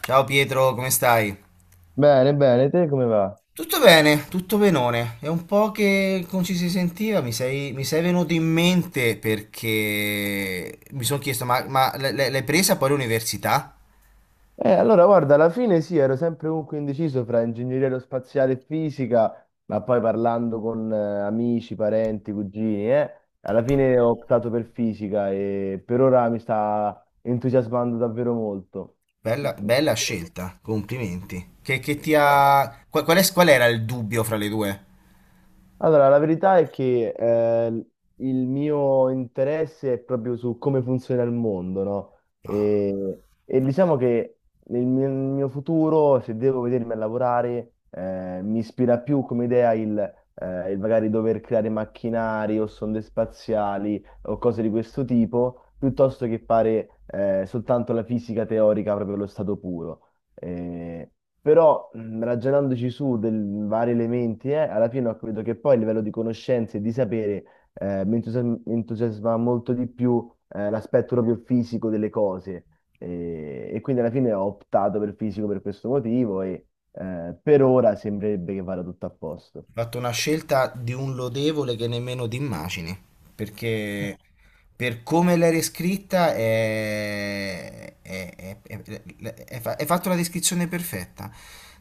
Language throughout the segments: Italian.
Ciao, Pietro, come stai? Bene, bene, te come va? Tutto bene, tutto benone. È un po' che non ci si sentiva. Mi sei venuto in mente perché mi sono chiesto, l'hai presa poi l'università? Allora, guarda, alla fine sì, ero sempre comunque indeciso fra ingegneria aerospaziale e fisica, ma poi parlando con amici, parenti, cugini, alla fine ho optato per fisica e per ora mi sta entusiasmando davvero molto. Bella scelta, complimenti. Che ti ha. Qual era il dubbio fra le due? Allora, la verità è che il mio interesse è proprio su come funziona il mondo, no? E diciamo che nel mio futuro, se devo vedermi a lavorare, mi ispira più come idea il magari dover creare macchinari o sonde spaziali o cose di questo tipo, piuttosto che fare soltanto la fisica teorica proprio allo stato puro. Eh, però ragionandoci su dei vari elementi, alla fine ho capito che poi il livello di conoscenze e di sapere mi entusiasma molto di più l'aspetto proprio fisico delle cose. E quindi alla fine ho optato per il fisico per questo motivo e per ora sembrerebbe che vada tutto a posto. Fatto una scelta di un lodevole che nemmeno ti immagini, perché per come l'hai riscritta hai fatto la descrizione perfetta.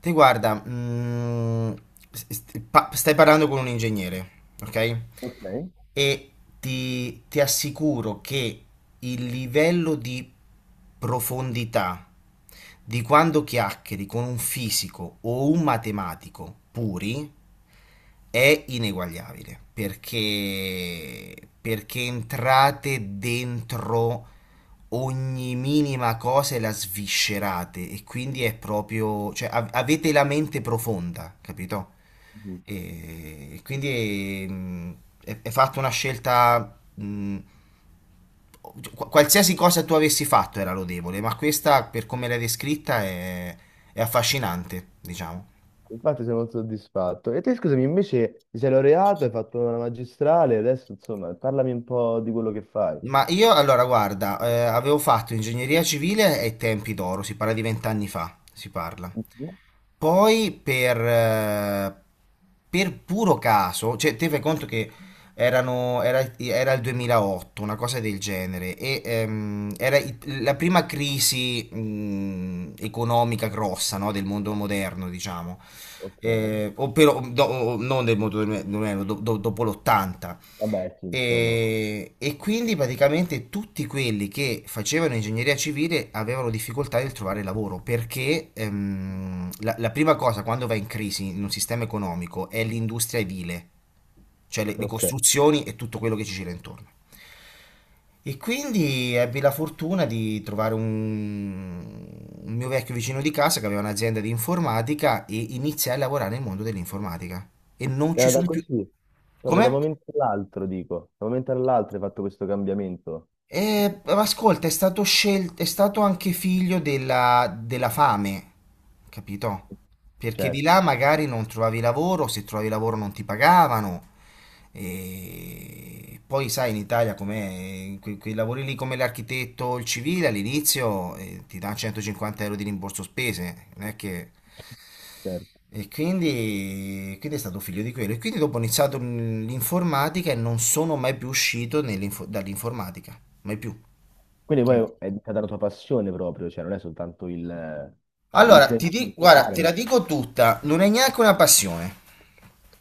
Te guarda, stai parlando con un ingegnere, ok? Ok. E ti assicuro che il livello di profondità di quando chiacchieri con un fisico o un matematico puri è ineguagliabile, perché entrate dentro ogni minima cosa e la sviscerate, e quindi è proprio, cioè avete la mente profonda, capito? Mhm. E quindi, è fatta una scelta. Qualsiasi cosa tu avessi fatto era lodevole, ma questa, per come l'hai descritta, è affascinante, diciamo. Infatti sono molto soddisfatto. E te, scusami, invece ti sei laureato, hai fatto una magistrale, adesso insomma, parlami un po' di quello che fai. Ma io allora, guarda, avevo fatto ingegneria civile ai tempi d'oro, si parla di vent'anni fa, si parla. Mhm. Poi per puro caso, cioè te fai conto che era il 2008, una cosa del genere. E era la prima crisi economica grossa, no, del mondo moderno, diciamo. Ok. O però, non del mondo moderno, dopo l'80. Vabbè, sì, insomma. E quindi praticamente tutti quelli che facevano ingegneria civile avevano difficoltà nel trovare lavoro, perché la prima cosa quando va in crisi in un sistema economico è l'industria edile, cioè le Ok. costruzioni e tutto quello che ci gira intorno. E quindi ebbi la fortuna di trovare un mio vecchio vicino di casa che aveva un'azienda di informatica, e iniziai a lavorare nel mondo dell'informatica. E non ci Era da sono più. così, proprio da un Come? momento all'altro, dico. Da un momento all'altro hai fatto questo cambiamento. Ma ascolta, è stato scelto, è stato anche figlio della fame, capito? Perché di Certo, là magari non trovavi lavoro, se trovavi lavoro non ti pagavano. E poi sai, in Italia come quei lavori lì come l'architetto, o il civile all'inizio ti dà 150 euro di rimborso spese, non è che. certo. E quindi, quindi è stato figlio di quello. E quindi dopo ho iniziato l'informatica e non sono mai più uscito dall'informatica, mai più. Quindi poi Sì. è diventata la tua passione proprio, cioè non è soltanto il, cioè, il Allora, piacere di guarda, suonare, te la ma. dico tutta, non è neanche una passione,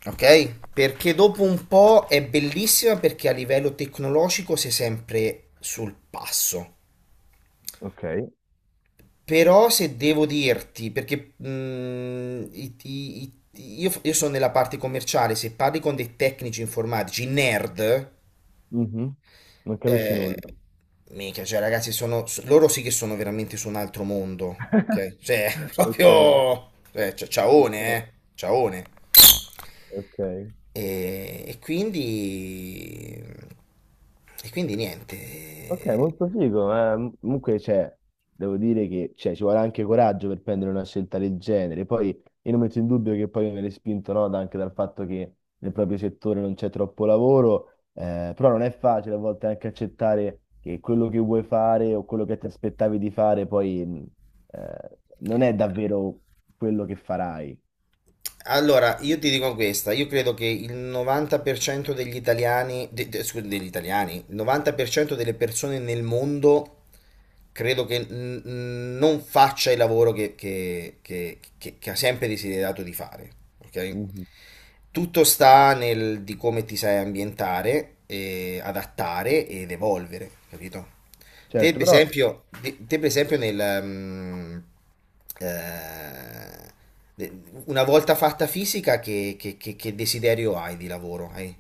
ok? Perché dopo un po' è bellissima perché a livello tecnologico sei sempre sul passo. Ok. Però se devo dirti, perché io sono nella parte commerciale. Se parli con dei tecnici informatici, nerd, Mhm. Non capisci eh, nulla. mica, cioè ragazzi, sono, loro sì che sono veramente su un altro mondo, ok? Cioè, Ok, proprio, cioè, ciaone, ok, ciaone. ok. E quindi niente. Ok, molto figo, ma comunque cioè, devo dire che cioè, ci vuole anche coraggio per prendere una scelta del genere. Poi io non metto in dubbio che poi viene spinto no, anche dal fatto che nel proprio settore non c'è troppo lavoro, però non è facile a volte anche accettare che quello che vuoi fare o quello che ti aspettavi di fare poi non è davvero quello che farai. Allora, io ti dico questa, io credo che il 90% degli italiani, scusa, degli italiani, il 90% delle persone nel mondo credo che non faccia il lavoro che che ha sempre desiderato di fare, ok? Mhm. Tutto sta nel di come ti sai ambientare, e adattare ed evolvere, capito? Te Certo, per però. esempio, per esempio nel, mm, eh, una volta fatta fisica, che che desiderio hai di lavoro? Hai?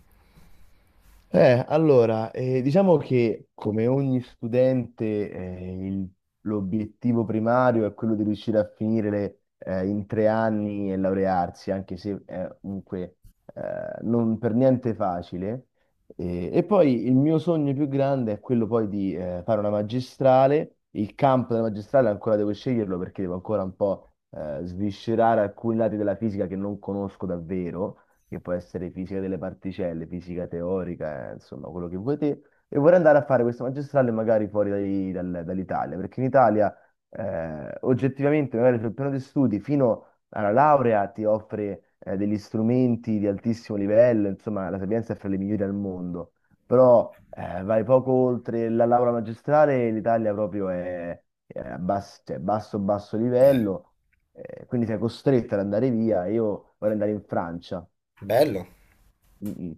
Allora, diciamo che come ogni studente, l'obiettivo primario è quello di riuscire a finire in 3 anni e laurearsi, anche se è comunque non per niente facile. E poi il mio sogno più grande è quello poi di fare una magistrale. Il campo della magistrale ancora devo sceglierlo perché devo ancora un po' sviscerare alcuni lati della fisica che non conosco davvero, che può essere fisica delle particelle, fisica teorica, insomma, quello che vuoi te. E vorrei andare a fare questo magistrale magari fuori dall'Italia, perché in Italia oggettivamente magari sul piano di studi fino alla laurea ti offre degli strumenti di altissimo livello, insomma, la Sapienza è fra le migliori al mondo, però vai poco oltre la laurea magistrale, l'Italia proprio è a cioè, basso, basso Beh. livello, quindi sei costretta ad andare via. Io vorrei andare in Francia. Bello? Mm, mm.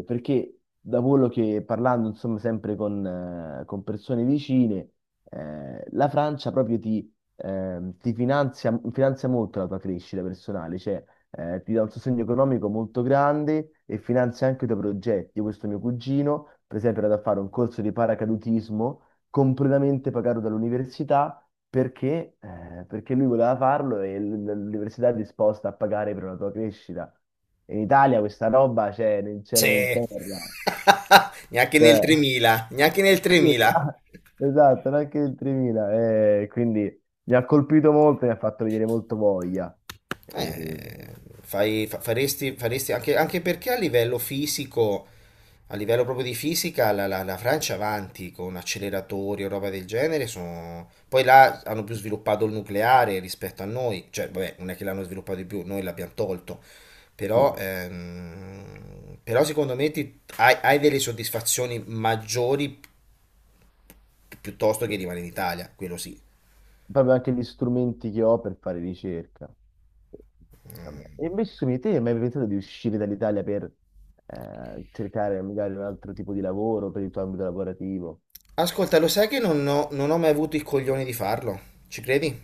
Perché da quello che parlando, insomma, sempre con persone vicine, la Francia proprio ti finanzia, finanzia molto la tua crescita personale, cioè ti dà un sostegno economico molto grande e finanzia anche i tuoi progetti. Io, questo mio cugino, per esempio, era da fare un corso di paracadutismo completamente pagato dall'università, perché lui voleva farlo e l'università è disposta a pagare per la tua crescita. In Italia questa roba c'è nel Sì. cielo né in terra. Neanche Cioè, nel 3000, neanche nel sì, 3000. esatto, esatto, neanche il 3.000. Quindi mi ha colpito molto e mi ha fatto venire molto voglia. E- Eh, Faresti, faresti anche, anche perché a livello fisico, a livello proprio di fisica, la Francia avanti con acceleratori o roba del genere. Poi là hanno più sviluppato il nucleare rispetto a noi, cioè vabbè, non è che l'hanno sviluppato di più, noi l'abbiamo tolto, però, sì, però secondo me hai delle soddisfazioni maggiori, piuttosto sì. che rimanere in Italia, quello sì. Proprio anche gli strumenti che ho per fare ricerca. Vabbè. E invece su di te, hai mai pensato di uscire dall'Italia per cercare magari un altro tipo di lavoro per il tuo ambito lavorativo? Ascolta, lo sai che non ho mai avuto il coglione di farlo? Ci credi?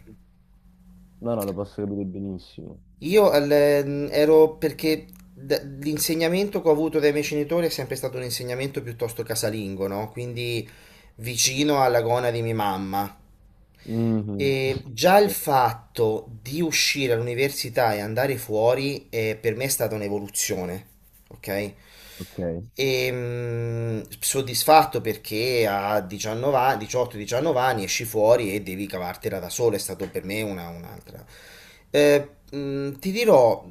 No, no, lo posso capire benissimo. Io ero perché l'insegnamento che ho avuto dai miei genitori è sempre stato un insegnamento piuttosto casalingo, no? Quindi vicino alla gonna di mia mamma. Mhm. E già il fatto di uscire all'università e andare fuori, per me è stata un'evoluzione, ok? Ok, E, soddisfatto perché a 19 anni- 18-19 anni esci fuori e devi cavartela da solo, è stato per me una, un'altra. Ti dirò,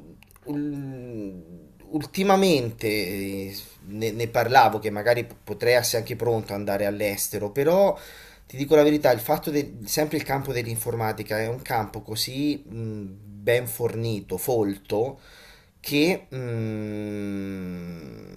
ultimamente ne parlavo che magari potrei essere anche pronto ad andare all'estero, però ti dico la verità, il fatto del, sempre il campo dell'informatica è un campo così, ben fornito, folto, che, mm,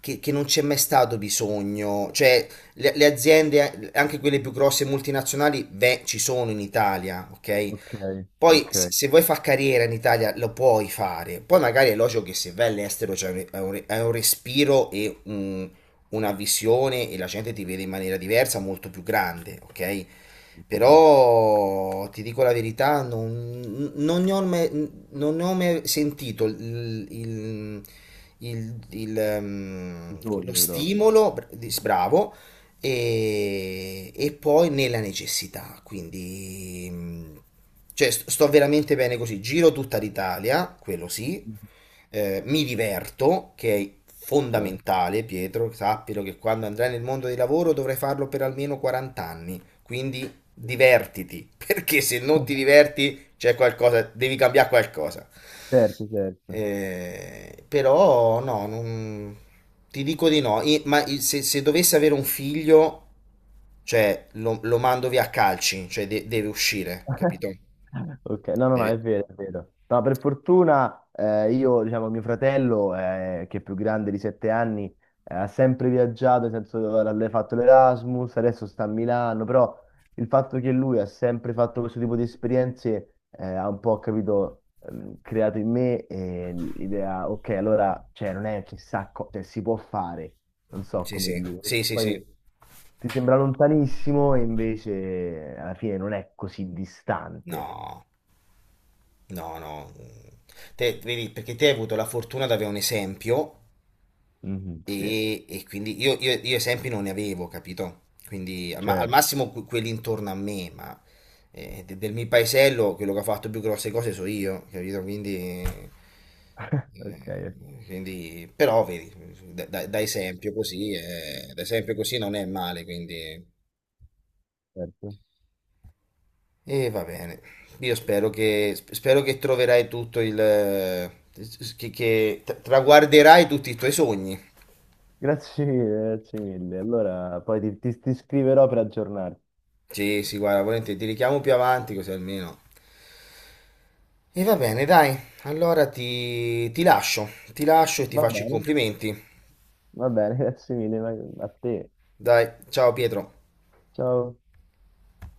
che non c'è mai stato bisogno, cioè le aziende, anche quelle più grosse multinazionali, beh, ci sono in Italia, ok? ok, Poi ok, se se vuoi far carriera in Italia lo puoi fare, poi magari è logico che se vai all'estero c'è un, è un respiro, e una visione, e la gente ti vede in maniera diversa, molto più grande, ok? certo, certo. Però ti dico la verità, non ne ho mai, non ne ho mai sentito il lo Bisogna proprio. stimolo, bravo, e poi nella necessità. Quindi, cioè, sto veramente bene così. Giro tutta l'Italia, quello sì, Mhm. Mi diverto, che è Ok. fondamentale, Pietro, sappilo che quando andrai nel mondo del lavoro dovrai farlo per almeno 40 anni. Quindi divertiti, perché se non ti diverti c'è qualcosa, devi cambiare qualcosa. Certo, certo. Però no, non- Ti dico di no. Se dovessi avere un figlio, cioè lo mando via a calci, cioè deve uscire, capito? Ok, no, no, no, è Deve. vero, è vero. No, per fortuna io, diciamo, mio fratello, che è più grande di 7 anni, ha sempre viaggiato, nel senso allora, ha fatto l'Erasmus, adesso sta a Milano, però il fatto che lui ha sempre fatto questo tipo di esperienze ha un po', capito, creato in me l'idea, ok, allora, cioè, non è chissà cosa, cioè, si può fare, non so Sì, come sì, dire. sì, sì, Poi sì. ti sembra lontanissimo e invece alla fine non è così distante. No, no, no. Te, vedi, perché te hai avuto la fortuna di avere un esempio. Mhm, sì, E quindi io, io esempi non ne avevo, capito? Quindi al, al certo. massimo quelli intorno a me, ma del mio paesello quello che ha fatto più grosse cose so io, capito? Quindi, Ok, quindi però vedi, da esempio così non è male, quindi. certo. E va bene, io spero che, spero che troverai tutto il, che traguarderai tutti i tuoi sogni. Grazie mille, grazie mille. Allora, poi ti scriverò per aggiornarti. Sì, sì, guarda, volentieri, ti richiamo più avanti così almeno. E va bene, dai, allora ti lascio e ti Va faccio i bene, complimenti. va bene, grazie mille, a te. Dai, ciao Pietro. Ciao.